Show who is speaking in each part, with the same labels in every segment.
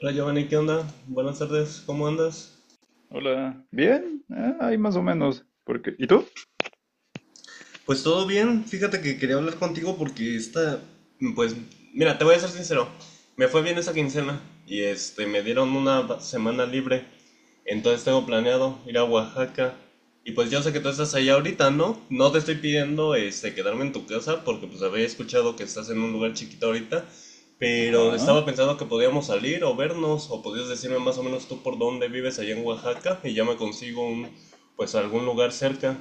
Speaker 1: Hola Giovanni, ¿qué onda? Buenas tardes, ¿cómo andas?
Speaker 2: Hola, bien, ahí más o menos. Porque, ¿y tú?
Speaker 1: Pues todo bien, fíjate que quería hablar contigo porque pues, mira, te voy a ser sincero, me fue bien esa quincena y me dieron una semana libre, entonces tengo planeado ir a Oaxaca y pues yo sé que tú estás allá ahorita, ¿no? No te estoy pidiendo, quedarme en tu casa porque pues había escuchado que estás en un lugar chiquito ahorita, pero
Speaker 2: Ajá.
Speaker 1: estaba pensando que podíamos salir o vernos o podías decirme más o menos tú por dónde vives allá en Oaxaca y ya me consigo pues algún lugar cerca.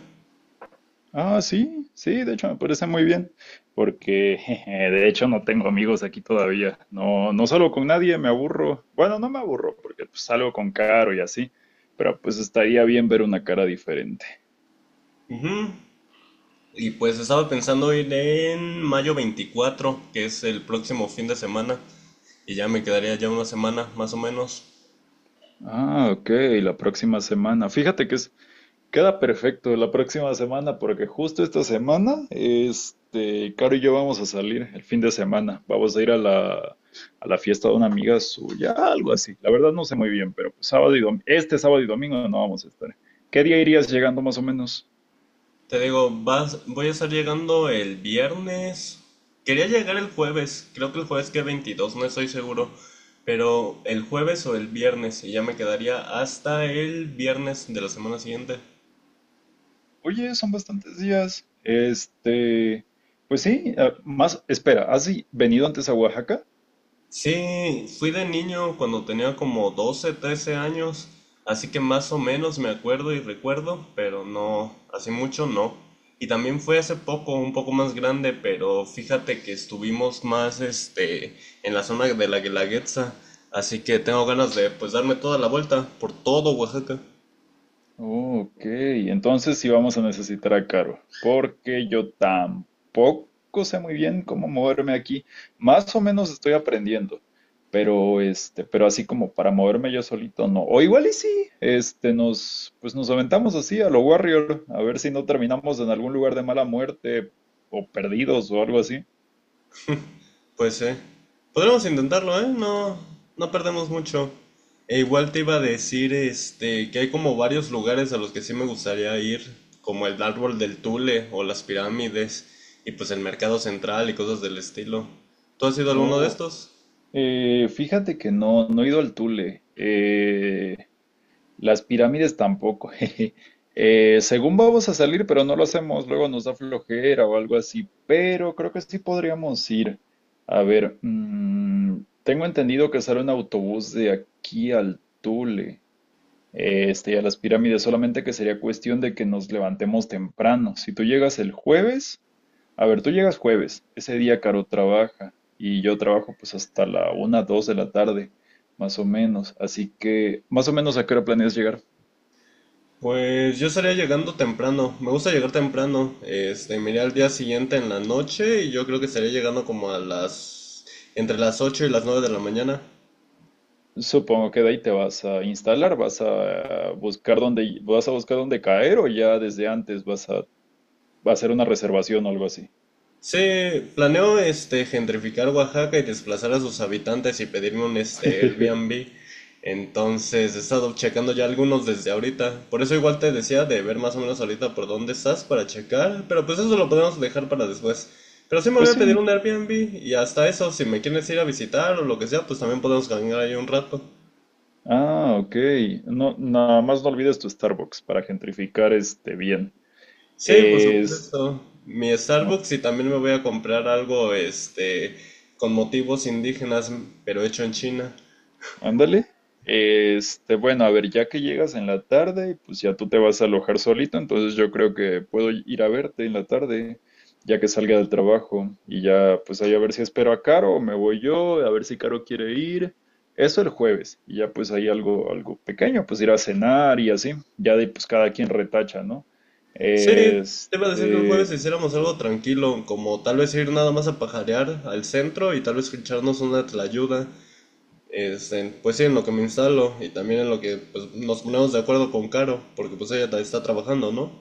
Speaker 2: Ah, sí, sí, de hecho me parece muy bien, porque jeje, de hecho no tengo amigos aquí todavía. No, no salgo con nadie, me aburro. Bueno, no me aburro, porque pues, salgo con Caro y así, pero pues estaría bien ver una cara diferente.
Speaker 1: Ujú. Y pues estaba pensando ir en mayo 24, que es el próximo fin de semana, y ya me quedaría ya una semana más o menos.
Speaker 2: Ah, ok, la próxima semana. Fíjate que es... Queda perfecto la próxima semana porque justo esta semana, Caro y yo vamos a salir el fin de semana. Vamos a ir a la fiesta de una amiga suya, algo así. La verdad no sé muy bien, pero pues sábado y domingo, este sábado y domingo no vamos a estar. ¿Qué día irías llegando más o menos?
Speaker 1: Te digo, voy a estar llegando el viernes. Quería llegar el jueves, creo que el jueves que 22, no estoy seguro, pero el jueves o el viernes, y ya me quedaría hasta el viernes de la semana siguiente.
Speaker 2: Oye, son bastantes días. Pues sí, más, espera, ¿has venido antes a Oaxaca?
Speaker 1: Sí, fui de niño cuando tenía como 12, 13 años, así que más o menos me acuerdo y recuerdo, pero no, hace mucho no. Y también fue hace poco, un poco más grande, pero fíjate que estuvimos más en la zona de la Guelaguetza, así que tengo ganas de pues darme toda la vuelta por todo Oaxaca.
Speaker 2: Ok, entonces sí vamos a necesitar a Caro, porque yo tampoco sé muy bien cómo moverme aquí. Más o menos estoy aprendiendo, pero así como para moverme yo solito no. O igual y sí, pues nos aventamos así a lo Warrior, a ver si no terminamos en algún lugar de mala muerte o perdidos o algo así.
Speaker 1: Pues sí. Podremos intentarlo, ¿eh? No, no perdemos mucho. E igual te iba a decir, que hay como varios lugares a los que sí me gustaría ir, como el árbol del Tule o las pirámides y pues el mercado central y cosas del estilo. ¿Tú has ido a alguno de
Speaker 2: Oh,
Speaker 1: estos?
Speaker 2: fíjate que no, no he ido al Tule. Las pirámides tampoco. jeje. Según vamos a salir, pero no lo hacemos, luego nos da flojera o algo así, pero creo que sí podríamos ir. A ver, tengo entendido que sale un autobús de aquí al Tule, y a las pirámides, solamente que sería cuestión de que nos levantemos temprano. Si tú llegas el jueves, A ver, tú llegas jueves, ese día Caro trabaja y yo trabajo pues hasta la 1, 2 de la tarde, más o menos. Así que más o menos a qué hora planeas llegar.
Speaker 1: Pues yo estaría llegando temprano. Me gusta llegar temprano. Me iré al día siguiente en la noche y yo creo que estaría llegando como a las entre las 8 y las 9 de la mañana.
Speaker 2: Supongo que de ahí te vas a instalar, vas a buscar dónde caer, o ya desde antes vas a hacer una reservación o algo así.
Speaker 1: Sí, planeo gentrificar Oaxaca y desplazar a sus habitantes y pedirme un Airbnb. Entonces he estado checando ya algunos desde ahorita. Por eso igual te decía de ver más o menos ahorita por dónde estás para checar. Pero pues eso lo podemos dejar para después. Pero sí me voy
Speaker 2: Pues
Speaker 1: a pedir
Speaker 2: sí.
Speaker 1: un Airbnb y hasta eso, si me quieres ir a visitar o lo que sea, pues también podemos caminar ahí un rato.
Speaker 2: Ah, ok. No, nada más no olvides tu Starbucks para gentrificar este bien.
Speaker 1: Sí, por
Speaker 2: Es,
Speaker 1: supuesto. Mi
Speaker 2: ok.
Speaker 1: Starbucks y también me voy a comprar algo con motivos indígenas, pero hecho en China.
Speaker 2: Ándale. Bueno, a ver, ya que llegas en la tarde, pues ya tú te vas a alojar solito. Entonces yo creo que puedo ir a verte en la tarde, ya que salga del trabajo. Y ya, pues ahí a ver si espero a Caro o me voy yo, a ver si Caro quiere ir. Eso el jueves. Y ya pues ahí algo pequeño, pues ir a cenar y así. Ya de ahí, pues cada quien retacha, ¿no?
Speaker 1: Sí, te iba a decir que el jueves
Speaker 2: Este,
Speaker 1: hiciéramos algo tranquilo, como tal vez ir nada más a pajarear al centro y tal vez echarnos una tlayuda. Pues sí, en lo que me instalo y también en lo que pues, nos ponemos de acuerdo con Caro, porque pues ella está trabajando, ¿no?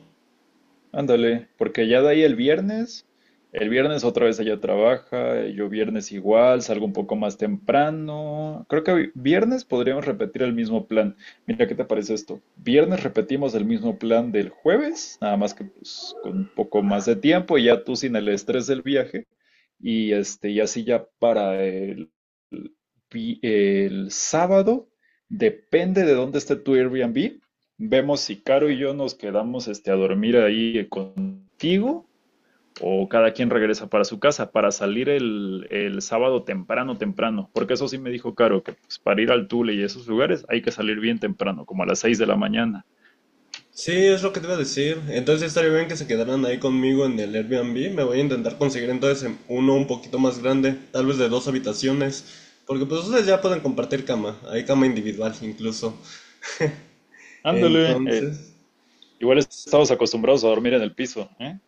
Speaker 2: Ándale, porque ya de ahí el viernes otra vez ella trabaja. Yo viernes igual, salgo un poco más temprano. Creo que viernes podríamos repetir el mismo plan. Mira, ¿qué te parece esto? Viernes repetimos el mismo plan del jueves, nada más que pues con un poco más de tiempo, y ya tú sin el estrés del viaje. Y así ya para el el sábado, depende de dónde esté tu Airbnb. Vemos si Caro y yo nos quedamos a dormir ahí contigo, o cada quien regresa para su casa para salir el sábado temprano, temprano. Porque eso sí me dijo Caro, que pues, para ir al Tule y esos lugares hay que salir bien temprano, como a las 6 de la mañana.
Speaker 1: Sí, es lo que te iba a decir. Entonces sí estaría bien que se quedaran ahí conmigo en el Airbnb. Me voy a intentar conseguir entonces uno un poquito más grande, tal vez de dos habitaciones, porque pues ustedes ya pueden compartir cama, hay cama individual incluso.
Speaker 2: Ándale.
Speaker 1: Entonces.
Speaker 2: Igual estamos acostumbrados a dormir en el piso, ¿eh?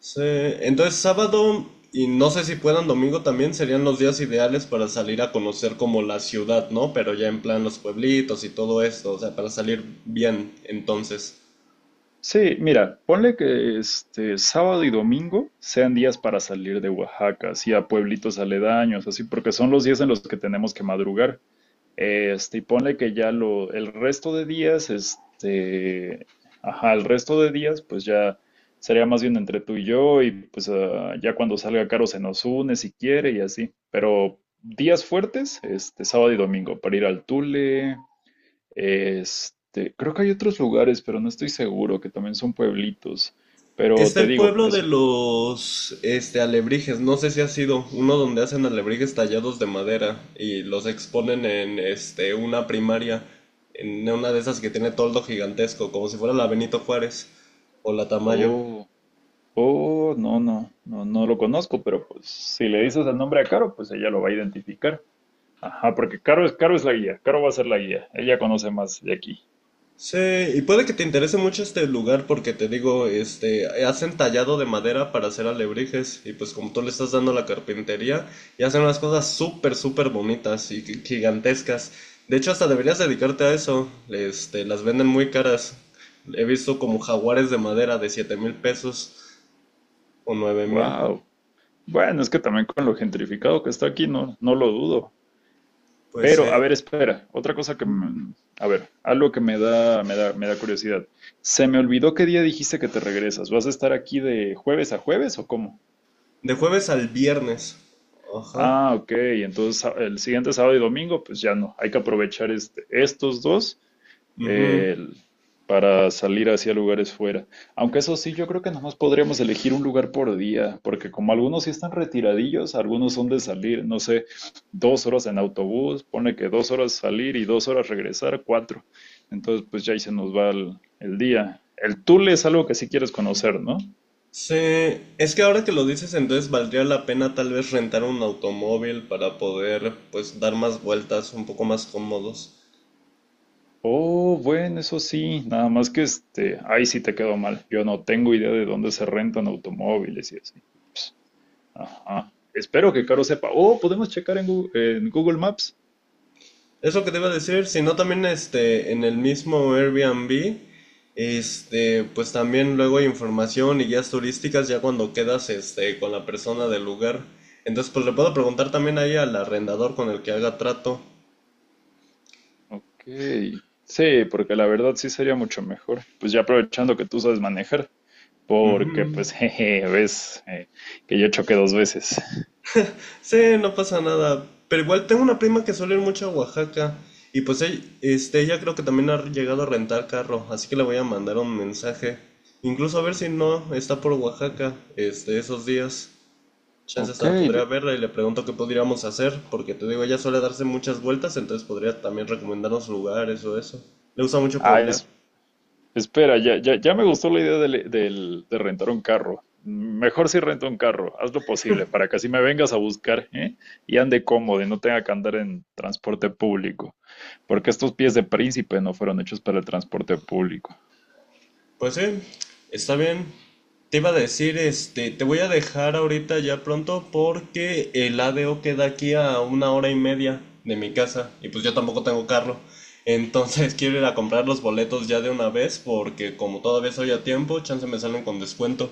Speaker 1: Sí, entonces sábado, y no sé si puedan domingo también, serían los días ideales para salir a conocer como la ciudad, ¿no? Pero ya en plan los pueblitos y todo esto, o sea, para salir bien entonces.
Speaker 2: Sí, mira, ponle que este sábado y domingo sean días para salir de Oaxaca, así a pueblitos aledaños, así porque son los días en los que tenemos que madrugar. Y ponle que el resto de días, ajá, el resto de días, pues ya sería más bien entre tú y yo, y pues ya cuando salga Caro se nos une si quiere y así. Pero días fuertes, sábado y domingo, para ir al Tule. Creo que hay otros lugares, pero no estoy seguro, que también son pueblitos. Pero
Speaker 1: Está
Speaker 2: te
Speaker 1: el
Speaker 2: digo,
Speaker 1: pueblo de
Speaker 2: eso.
Speaker 1: los alebrijes, no sé si ha sido uno donde hacen alebrijes tallados de madera y los exponen en una primaria, en una de esas que tiene toldo gigantesco, como si fuera la Benito Juárez o la Tamayo.
Speaker 2: Oh, oh, no, no, no, no lo conozco, pero pues si le dices el nombre a Caro, pues ella lo va a identificar. Ajá, porque Caro es la guía. Caro va a ser la guía, ella conoce más de aquí.
Speaker 1: Sí, y puede que te interese mucho este lugar porque te digo, hacen tallado de madera para hacer alebrijes y pues como tú le estás dando la carpintería, y hacen unas cosas súper, súper bonitas y gigantescas. De hecho, hasta deberías dedicarte a eso. Las venden muy caras. He visto como jaguares de madera de 7,000 pesos o 9,000.
Speaker 2: Wow. Bueno, es que también con lo gentrificado que está aquí, no, no lo dudo.
Speaker 1: Pues
Speaker 2: Pero, a ver, espera, otra cosa a ver, algo que me da curiosidad. Se me olvidó qué día dijiste que te regresas. ¿Vas a estar aquí de jueves a jueves o cómo?
Speaker 1: de jueves al viernes. Ajá.
Speaker 2: Ah, ok. Entonces el siguiente sábado y domingo, pues ya no. Hay que aprovechar estos dos,
Speaker 1: Ujú.
Speaker 2: el- para salir hacia lugares fuera. Aunque eso sí, yo creo que nomás podríamos elegir un lugar por día, porque como algunos sí están retiradillos, algunos son de salir, no sé, 2 horas en autobús. Pone que 2 horas salir y 2 horas regresar, 4. Entonces, pues ya ahí se nos va el día. El Tule es algo que sí quieres conocer, ¿no?
Speaker 1: Sí, es que ahora que lo dices, entonces valdría la pena tal vez rentar un automóvil para poder pues dar más vueltas un poco más cómodos.
Speaker 2: Oh, bueno, eso sí, nada más que ahí sí te quedó mal. Yo no tengo idea de dónde se rentan automóviles y así. Ps, Ajá. Espero que Caro sepa. Oh, podemos checar en en Google Maps.
Speaker 1: Es lo que te iba a decir, si no también en el mismo Airbnb, pues también luego hay información y guías turísticas ya cuando quedas con la persona del lugar. Entonces pues le puedo preguntar también ahí al arrendador con el que haga trato.
Speaker 2: Ok. Sí, porque la verdad sí sería mucho mejor. Pues ya aprovechando que tú sabes manejar, porque
Speaker 1: Ujú.
Speaker 2: pues jeje, ves que yo choqué 2 veces.
Speaker 1: Sí, no pasa nada. Pero igual tengo una prima que suele ir mucho a Oaxaca. Y pues ella creo que también ha llegado a rentar carro. Así que le voy a mandar un mensaje. Incluso a ver si no está por Oaxaca, esos días. Chance
Speaker 2: Ok.
Speaker 1: hasta podría verla y le pregunto qué podríamos hacer. Porque te digo, ella suele darse muchas vueltas. Entonces podría también recomendarnos lugares o eso. Le gusta mucho
Speaker 2: Ah,
Speaker 1: pueblear.
Speaker 2: espera, ya, ya, ya me gustó la idea de rentar un carro. Mejor si rento un carro, haz lo posible para que así me vengas a buscar, ¿eh? Y ande cómodo y no tenga que andar en transporte público, porque estos pies de príncipe no fueron hechos para el transporte público.
Speaker 1: Pues sí, está bien. Te iba a decir, te voy a dejar ahorita ya pronto porque el ADO queda aquí a una hora y media de mi casa y pues yo tampoco tengo carro. Entonces quiero ir a comprar los boletos ya de una vez porque como todavía soy a tiempo, chance me salen con descuento.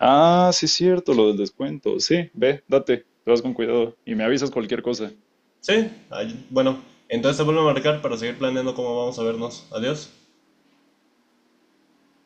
Speaker 2: Ah, sí, es cierto, lo del descuento. Sí, ve, date, te vas con cuidado y me avisas cualquier cosa.
Speaker 1: Sí, bueno, entonces te vuelvo a marcar para seguir planeando cómo vamos a vernos. Adiós.